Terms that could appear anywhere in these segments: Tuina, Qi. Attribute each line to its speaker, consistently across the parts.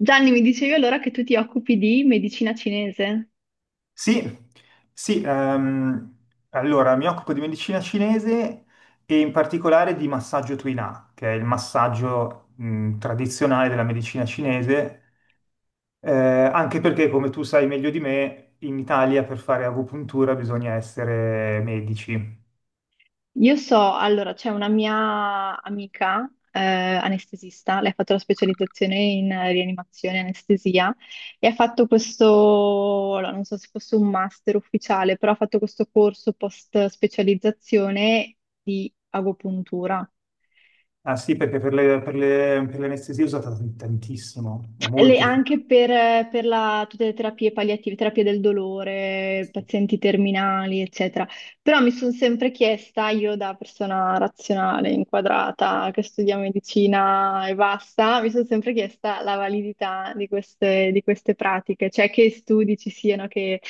Speaker 1: Gianni, mi dicevi allora che tu ti occupi di medicina cinese.
Speaker 2: Sì, sì, allora mi occupo di medicina cinese e in particolare di massaggio Tuina, che è il massaggio tradizionale della medicina cinese, eh, anche perché, come tu sai meglio di me, in Italia per fare agopuntura bisogna essere medici.
Speaker 1: Io so, allora, c'è una mia amica anestesista, lei ha fatto la specializzazione in rianimazione e anestesia e ha fatto questo, allora, non so se fosse un master ufficiale, però ha fatto questo corso post specializzazione di agopuntura.
Speaker 2: Ah sì, perché per l'anestesia è usata tantissimo, è molto efficace.
Speaker 1: Anche per, tutte le terapie palliative, terapie del dolore, pazienti terminali, eccetera. Però mi sono sempre chiesta, io da persona razionale, inquadrata, che studia medicina e basta, mi sono sempre chiesta la validità di queste pratiche, cioè che studi ci siano che,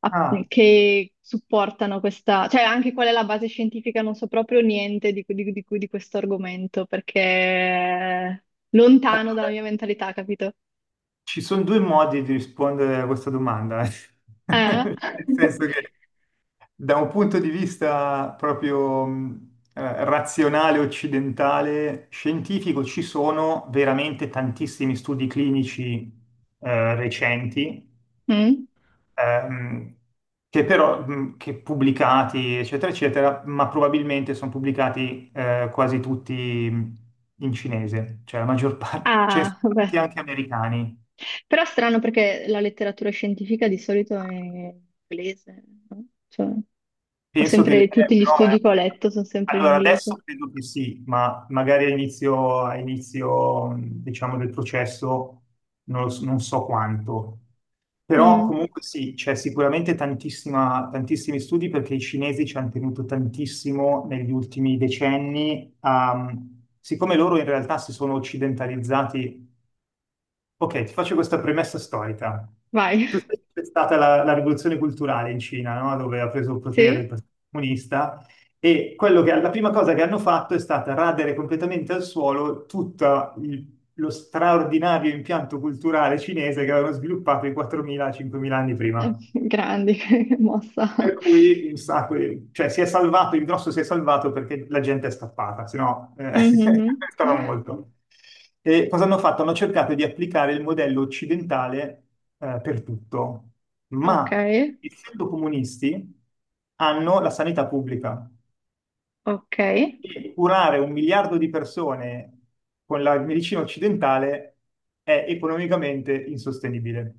Speaker 1: a-
Speaker 2: Ah,
Speaker 1: che supportano questa, cioè anche qual è la base scientifica, non so proprio niente di, di questo argomento, perché è lontano dalla
Speaker 2: allora,
Speaker 1: mia mentalità, capito?
Speaker 2: ci sono due modi di rispondere a questa domanda,
Speaker 1: Eh?
Speaker 2: nel senso che da un punto di vista proprio razionale, occidentale, scientifico, ci sono veramente tantissimi studi clinici recenti,
Speaker 1: Mm?
Speaker 2: ehm, che però, che pubblicati, eccetera, eccetera, ma probabilmente sono pubblicati quasi tutti in cinese, cioè la maggior parte, ce ne
Speaker 1: Ah,
Speaker 2: sono tanti
Speaker 1: vabbè.
Speaker 2: anche americani.
Speaker 1: Però strano perché la letteratura scientifica di solito è inglese, no? Cioè, ho
Speaker 2: Penso che
Speaker 1: sempre, tutti gli
Speaker 2: però,
Speaker 1: studi che ho letto sono sempre in
Speaker 2: allora adesso
Speaker 1: inglese.
Speaker 2: credo che sì, ma magari a inizio, diciamo, del processo non, lo so non so quanto. Però
Speaker 1: Mm.
Speaker 2: comunque sì, c'è sicuramente tantissima, tantissimi studi perché i cinesi ci hanno tenuto tantissimo negli ultimi decenni. Siccome loro in realtà si sono occidentalizzati. Ok, ti faccio questa premessa storica.
Speaker 1: Vai.
Speaker 2: Tu sai che c'è stata la rivoluzione culturale in Cina, no? Dove ha preso il potere il
Speaker 1: Sì?
Speaker 2: Partito Comunista e la prima cosa che hanno fatto è stata radere completamente al suolo tutto lo straordinario impianto culturale cinese che avevano sviluppato i 4.000-5.000 anni prima.
Speaker 1: Grandi, che mossa.
Speaker 2: Per cui un sacco cioè, si è salvato, il grosso si è salvato perché la gente è scappata, se no
Speaker 1: Mhm.
Speaker 2: stava molto. E cosa hanno fatto? Hanno cercato di applicare il modello occidentale per tutto,
Speaker 1: Ok,
Speaker 2: ma essendo comunisti hanno la sanità pubblica
Speaker 1: ok.
Speaker 2: e curare 1 miliardo di persone con la medicina occidentale è economicamente insostenibile.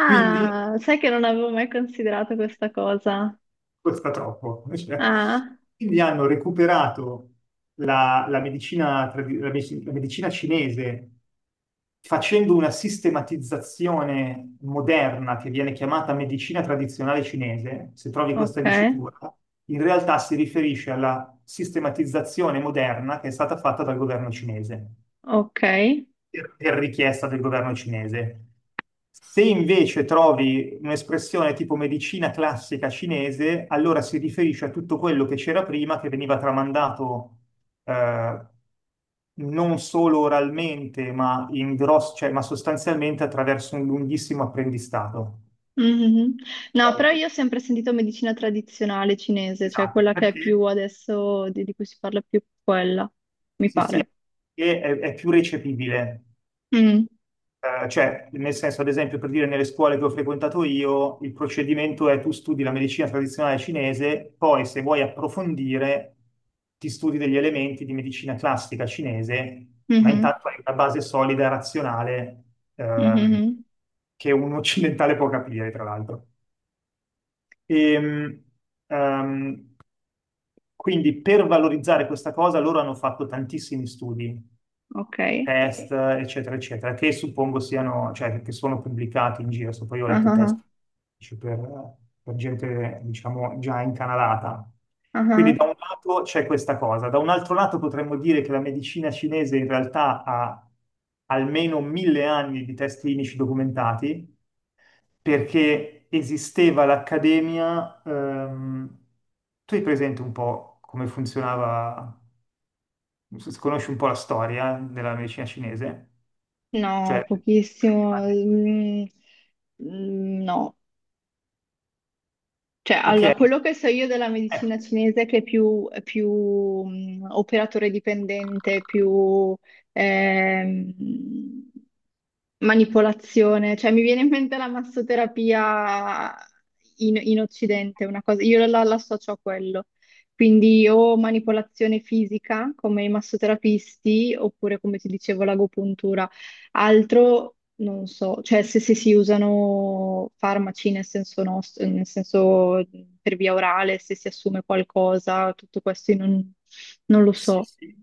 Speaker 2: Quindi
Speaker 1: sai che non avevo mai considerato questa cosa.
Speaker 2: costa troppo. Cioè,
Speaker 1: Ah,
Speaker 2: quindi hanno recuperato la medicina, la medicina cinese facendo una sistematizzazione moderna che viene chiamata medicina tradizionale cinese, se trovi
Speaker 1: ok,
Speaker 2: questa dicitura, in realtà si riferisce alla sistematizzazione moderna che è stata fatta dal governo cinese
Speaker 1: ok.
Speaker 2: per richiesta del governo cinese. Se invece trovi un'espressione tipo medicina classica cinese, allora si riferisce a tutto quello che c'era prima, che veniva tramandato eh, non solo oralmente, ma, sostanzialmente attraverso un lunghissimo apprendistato.
Speaker 1: Mhm. No,
Speaker 2: Cioè,
Speaker 1: però io ho sempre sentito medicina tradizionale cinese, cioè
Speaker 2: esatto,
Speaker 1: quella che è
Speaker 2: perché
Speaker 1: più adesso, di cui si parla più quella, mi
Speaker 2: sì, sì,
Speaker 1: pare.
Speaker 2: perché è più recepibile.
Speaker 1: Mm.
Speaker 2: Cioè, nel senso, ad esempio, per dire nelle scuole che ho frequentato io, il procedimento è tu studi la medicina tradizionale cinese, poi se vuoi approfondire, ti studi degli elementi di medicina classica cinese, ma
Speaker 1: Mhm.
Speaker 2: intanto hai una base solida e razionale, ehm,
Speaker 1: Mhm.
Speaker 2: che un occidentale può capire, tra l'altro. Ehm, ehm, quindi per valorizzare questa cosa loro hanno fatto tantissimi studi,
Speaker 1: Ok.
Speaker 2: test, eccetera, eccetera, che suppongo siano, cioè che sono pubblicati in giro. So, poi ho
Speaker 1: Ah
Speaker 2: letto
Speaker 1: ah
Speaker 2: test
Speaker 1: ah.
Speaker 2: per, per gente, diciamo, già incanalata.
Speaker 1: Ah
Speaker 2: Quindi
Speaker 1: ah.
Speaker 2: da un lato c'è questa cosa, da un altro lato potremmo dire che la medicina cinese in realtà ha almeno 1.000 anni di test clinici documentati, perché esisteva l'accademia. Tu hai presente un po' come funzionava, se conosci un po' la storia della medicina cinese?
Speaker 1: No,
Speaker 2: Cioè,
Speaker 1: pochissimo.
Speaker 2: prima di-
Speaker 1: Mm. Mm, no. Cioè,
Speaker 2: ok,
Speaker 1: allora, quello che so io della medicina cinese è che è più operatore dipendente, più... ehm, manipolazione, cioè mi viene in mente la massoterapia in, in Occidente, una cosa, io la, la associo a quello. Quindi o manipolazione fisica come i massoterapisti, oppure come ti dicevo l'agopuntura. Altro non so, cioè se, se si usano farmaci nel senso nostro, nel senso per via orale, se si assume qualcosa, tutto questo io non, non lo
Speaker 2: sì,
Speaker 1: so.
Speaker 2: sì.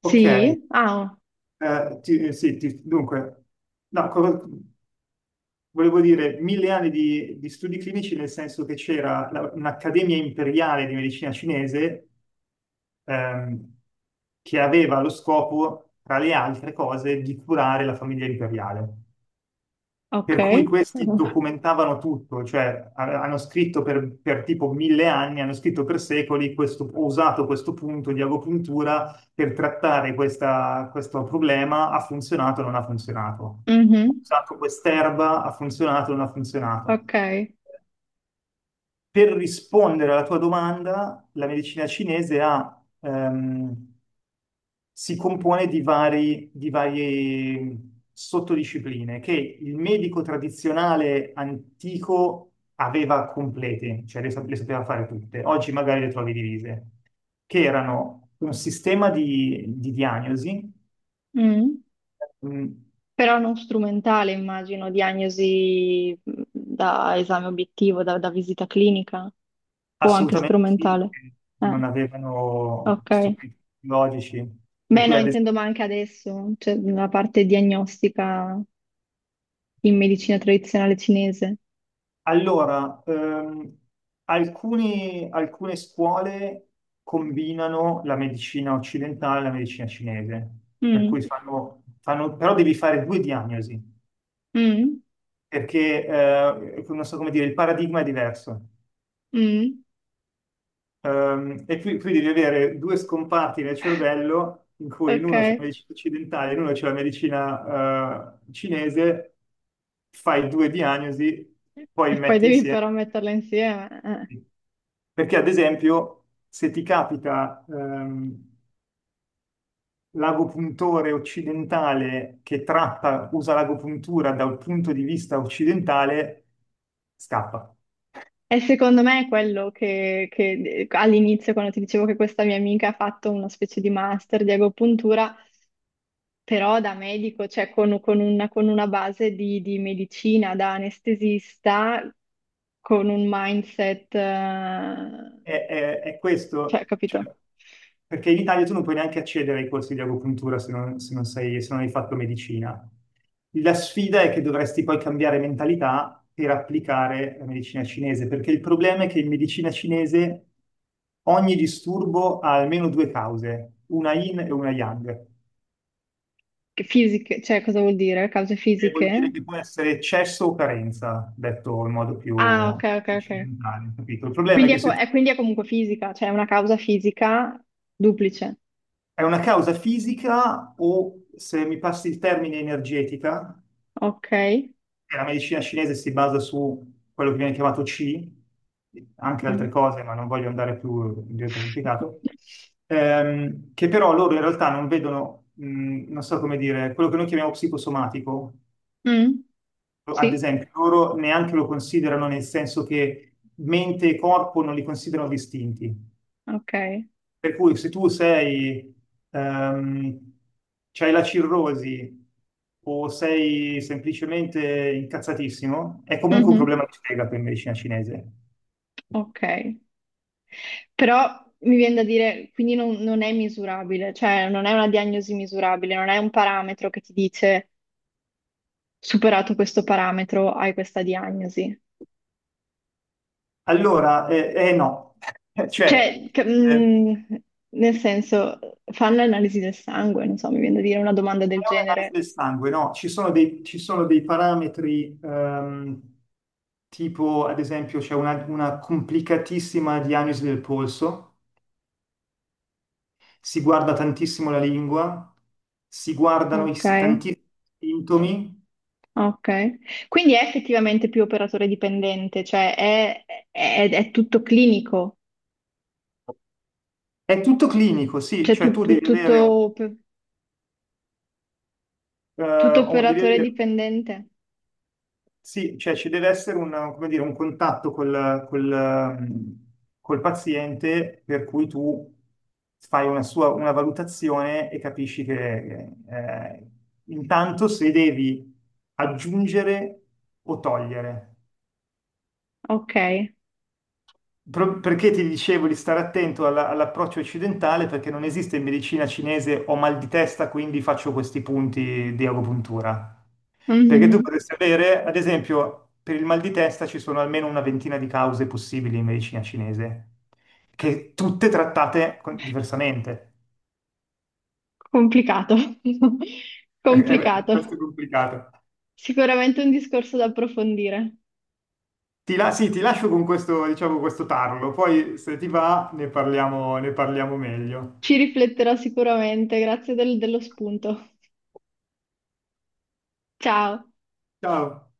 Speaker 2: Ok,
Speaker 1: Ah,
Speaker 2: sì, dunque, no, volevo dire 1.000 anni di studi clinici nel senso che c'era un'accademia imperiale di medicina cinese ehm, che aveva lo scopo, tra le altre cose, di curare la famiglia imperiale.
Speaker 1: ok.
Speaker 2: Per cui questi documentavano tutto, cioè hanno scritto per tipo 1.000 anni, hanno scritto per secoli, questo, ho usato questo punto di agopuntura per trattare questo problema, ha funzionato o non ha funzionato. Ho
Speaker 1: Mhm.
Speaker 2: usato quest'erba, ha funzionato o non ha funzionato.
Speaker 1: Ok.
Speaker 2: Per rispondere alla tua domanda, la medicina cinese ha si compone di varie sottodiscipline che il medico tradizionale antico aveva complete, cioè le sapeva fare tutte. Oggi magari le trovi divise, che erano un sistema di diagnosi,
Speaker 1: Mm.
Speaker 2: mh,
Speaker 1: Però non strumentale, immagino, diagnosi da esame obiettivo, da, da visita clinica o anche
Speaker 2: assolutamente sì,
Speaker 1: strumentale.
Speaker 2: perché non
Speaker 1: Eh,
Speaker 2: avevano
Speaker 1: ok.
Speaker 2: strumenti tecnologici, per
Speaker 1: Beh,
Speaker 2: cui
Speaker 1: no,
Speaker 2: ad
Speaker 1: intendo
Speaker 2: esempio.
Speaker 1: ma anche adesso, cioè la parte diagnostica in medicina tradizionale cinese.
Speaker 2: Allora, alcune scuole combinano la medicina occidentale e la medicina cinese, per
Speaker 1: Mm,
Speaker 2: cui però devi fare due diagnosi,
Speaker 1: mm,
Speaker 2: perché non so come dire, il paradigma è diverso.
Speaker 1: mm,
Speaker 2: E qui devi avere due scomparti nel cervello in cui in
Speaker 1: ok.
Speaker 2: uno c'è la medicina occidentale e in uno c'è la medicina cinese, fai due diagnosi, poi
Speaker 1: E poi
Speaker 2: metti
Speaker 1: devi però
Speaker 2: insieme.
Speaker 1: metterla insieme, eh.
Speaker 2: Perché ad esempio, se ti capita l'agopuntore occidentale che tratta, usa l'agopuntura dal punto di vista occidentale, scappa.
Speaker 1: E secondo me è quello che all'inizio, quando ti dicevo che questa mia amica ha fatto una specie di master di agopuntura, però da medico, cioè con una base di medicina, da anestesista, con un mindset,
Speaker 2: È
Speaker 1: cioè,
Speaker 2: questo, cioè,
Speaker 1: capito?
Speaker 2: perché in Italia tu non puoi neanche accedere ai corsi di agopuntura se non hai fatto medicina. La sfida è che dovresti poi cambiare mentalità per applicare la medicina cinese, perché il problema è che in medicina cinese ogni disturbo ha almeno due cause, una yin e una yang,
Speaker 1: Che fisiche, cioè cosa vuol dire? Cause
Speaker 2: che vuol dire
Speaker 1: fisiche?
Speaker 2: che può essere eccesso o carenza, detto in modo più
Speaker 1: Ah, ok, ok, ok.
Speaker 2: occidentale, capito? Il problema è
Speaker 1: Quindi
Speaker 2: che
Speaker 1: è,
Speaker 2: se tu.
Speaker 1: quindi è comunque fisica, cioè è una causa fisica duplice.
Speaker 2: È una causa fisica o, se mi passi il termine, energetica,
Speaker 1: Ok.
Speaker 2: e la medicina cinese si basa su quello che viene chiamato Qi, anche
Speaker 1: Mm.
Speaker 2: altre cose, ma non voglio andare più in diretta complicato, che però loro in realtà non vedono, non so come dire, quello che noi chiamiamo psicosomatico,
Speaker 1: Mm,
Speaker 2: ad
Speaker 1: sì,
Speaker 2: esempio, loro neanche lo considerano nel senso che mente e corpo non li considerano distinti.
Speaker 1: ok.
Speaker 2: Per cui se tu sei, ehm, c'hai la cirrosi o sei semplicemente incazzatissimo, è comunque un
Speaker 1: Mhm.
Speaker 2: problema di fegato in medicina cinese.
Speaker 1: Ok. Però mi viene da dire, quindi non, non è misurabile, cioè non è una diagnosi misurabile, non è un parametro che ti dice superato questo parametro hai questa diagnosi.
Speaker 2: Allora, no, cioè,
Speaker 1: Cioè,
Speaker 2: è
Speaker 1: nel senso, fanno analisi del sangue, non so, mi viene da dire una domanda del
Speaker 2: un'analisi
Speaker 1: genere.
Speaker 2: del sangue, no? Ci sono ci sono dei parametri, tipo, ad esempio, c'è una complicatissima diagnosi del polso, si guarda tantissimo la lingua, si guardano
Speaker 1: Ok,
Speaker 2: tantissimi sintomi,
Speaker 1: ok. Quindi è effettivamente più operatore dipendente, cioè è, è tutto clinico,
Speaker 2: è tutto clinico, sì,
Speaker 1: cioè
Speaker 2: cioè tu devi avere
Speaker 1: tutto,
Speaker 2: eh,
Speaker 1: tutto
Speaker 2: un- devi
Speaker 1: operatore
Speaker 2: avere-
Speaker 1: dipendente.
Speaker 2: sì, cioè ci deve essere come dire, un contatto col paziente per cui tu fai una valutazione e capisci che intanto se devi aggiungere o togliere.
Speaker 1: Ok.
Speaker 2: Perché ti dicevo di stare attento all'approccio occidentale perché non esiste in medicina cinese ho mal di testa, quindi faccio questi punti di agopuntura. Perché tu
Speaker 1: Mhm.
Speaker 2: potresti avere, ad esempio, per il mal di testa ci sono almeno una ventina di cause possibili in medicina cinese, che tutte trattate diversamente.
Speaker 1: Complicato,
Speaker 2: È piuttosto
Speaker 1: complicato.
Speaker 2: complicato.
Speaker 1: Sicuramente un discorso da approfondire.
Speaker 2: Sì, ti lascio con questo, diciamo, questo tarlo, poi se ti va ne parliamo meglio.
Speaker 1: Ci rifletterò sicuramente, grazie dello spunto. Ciao.
Speaker 2: Ciao.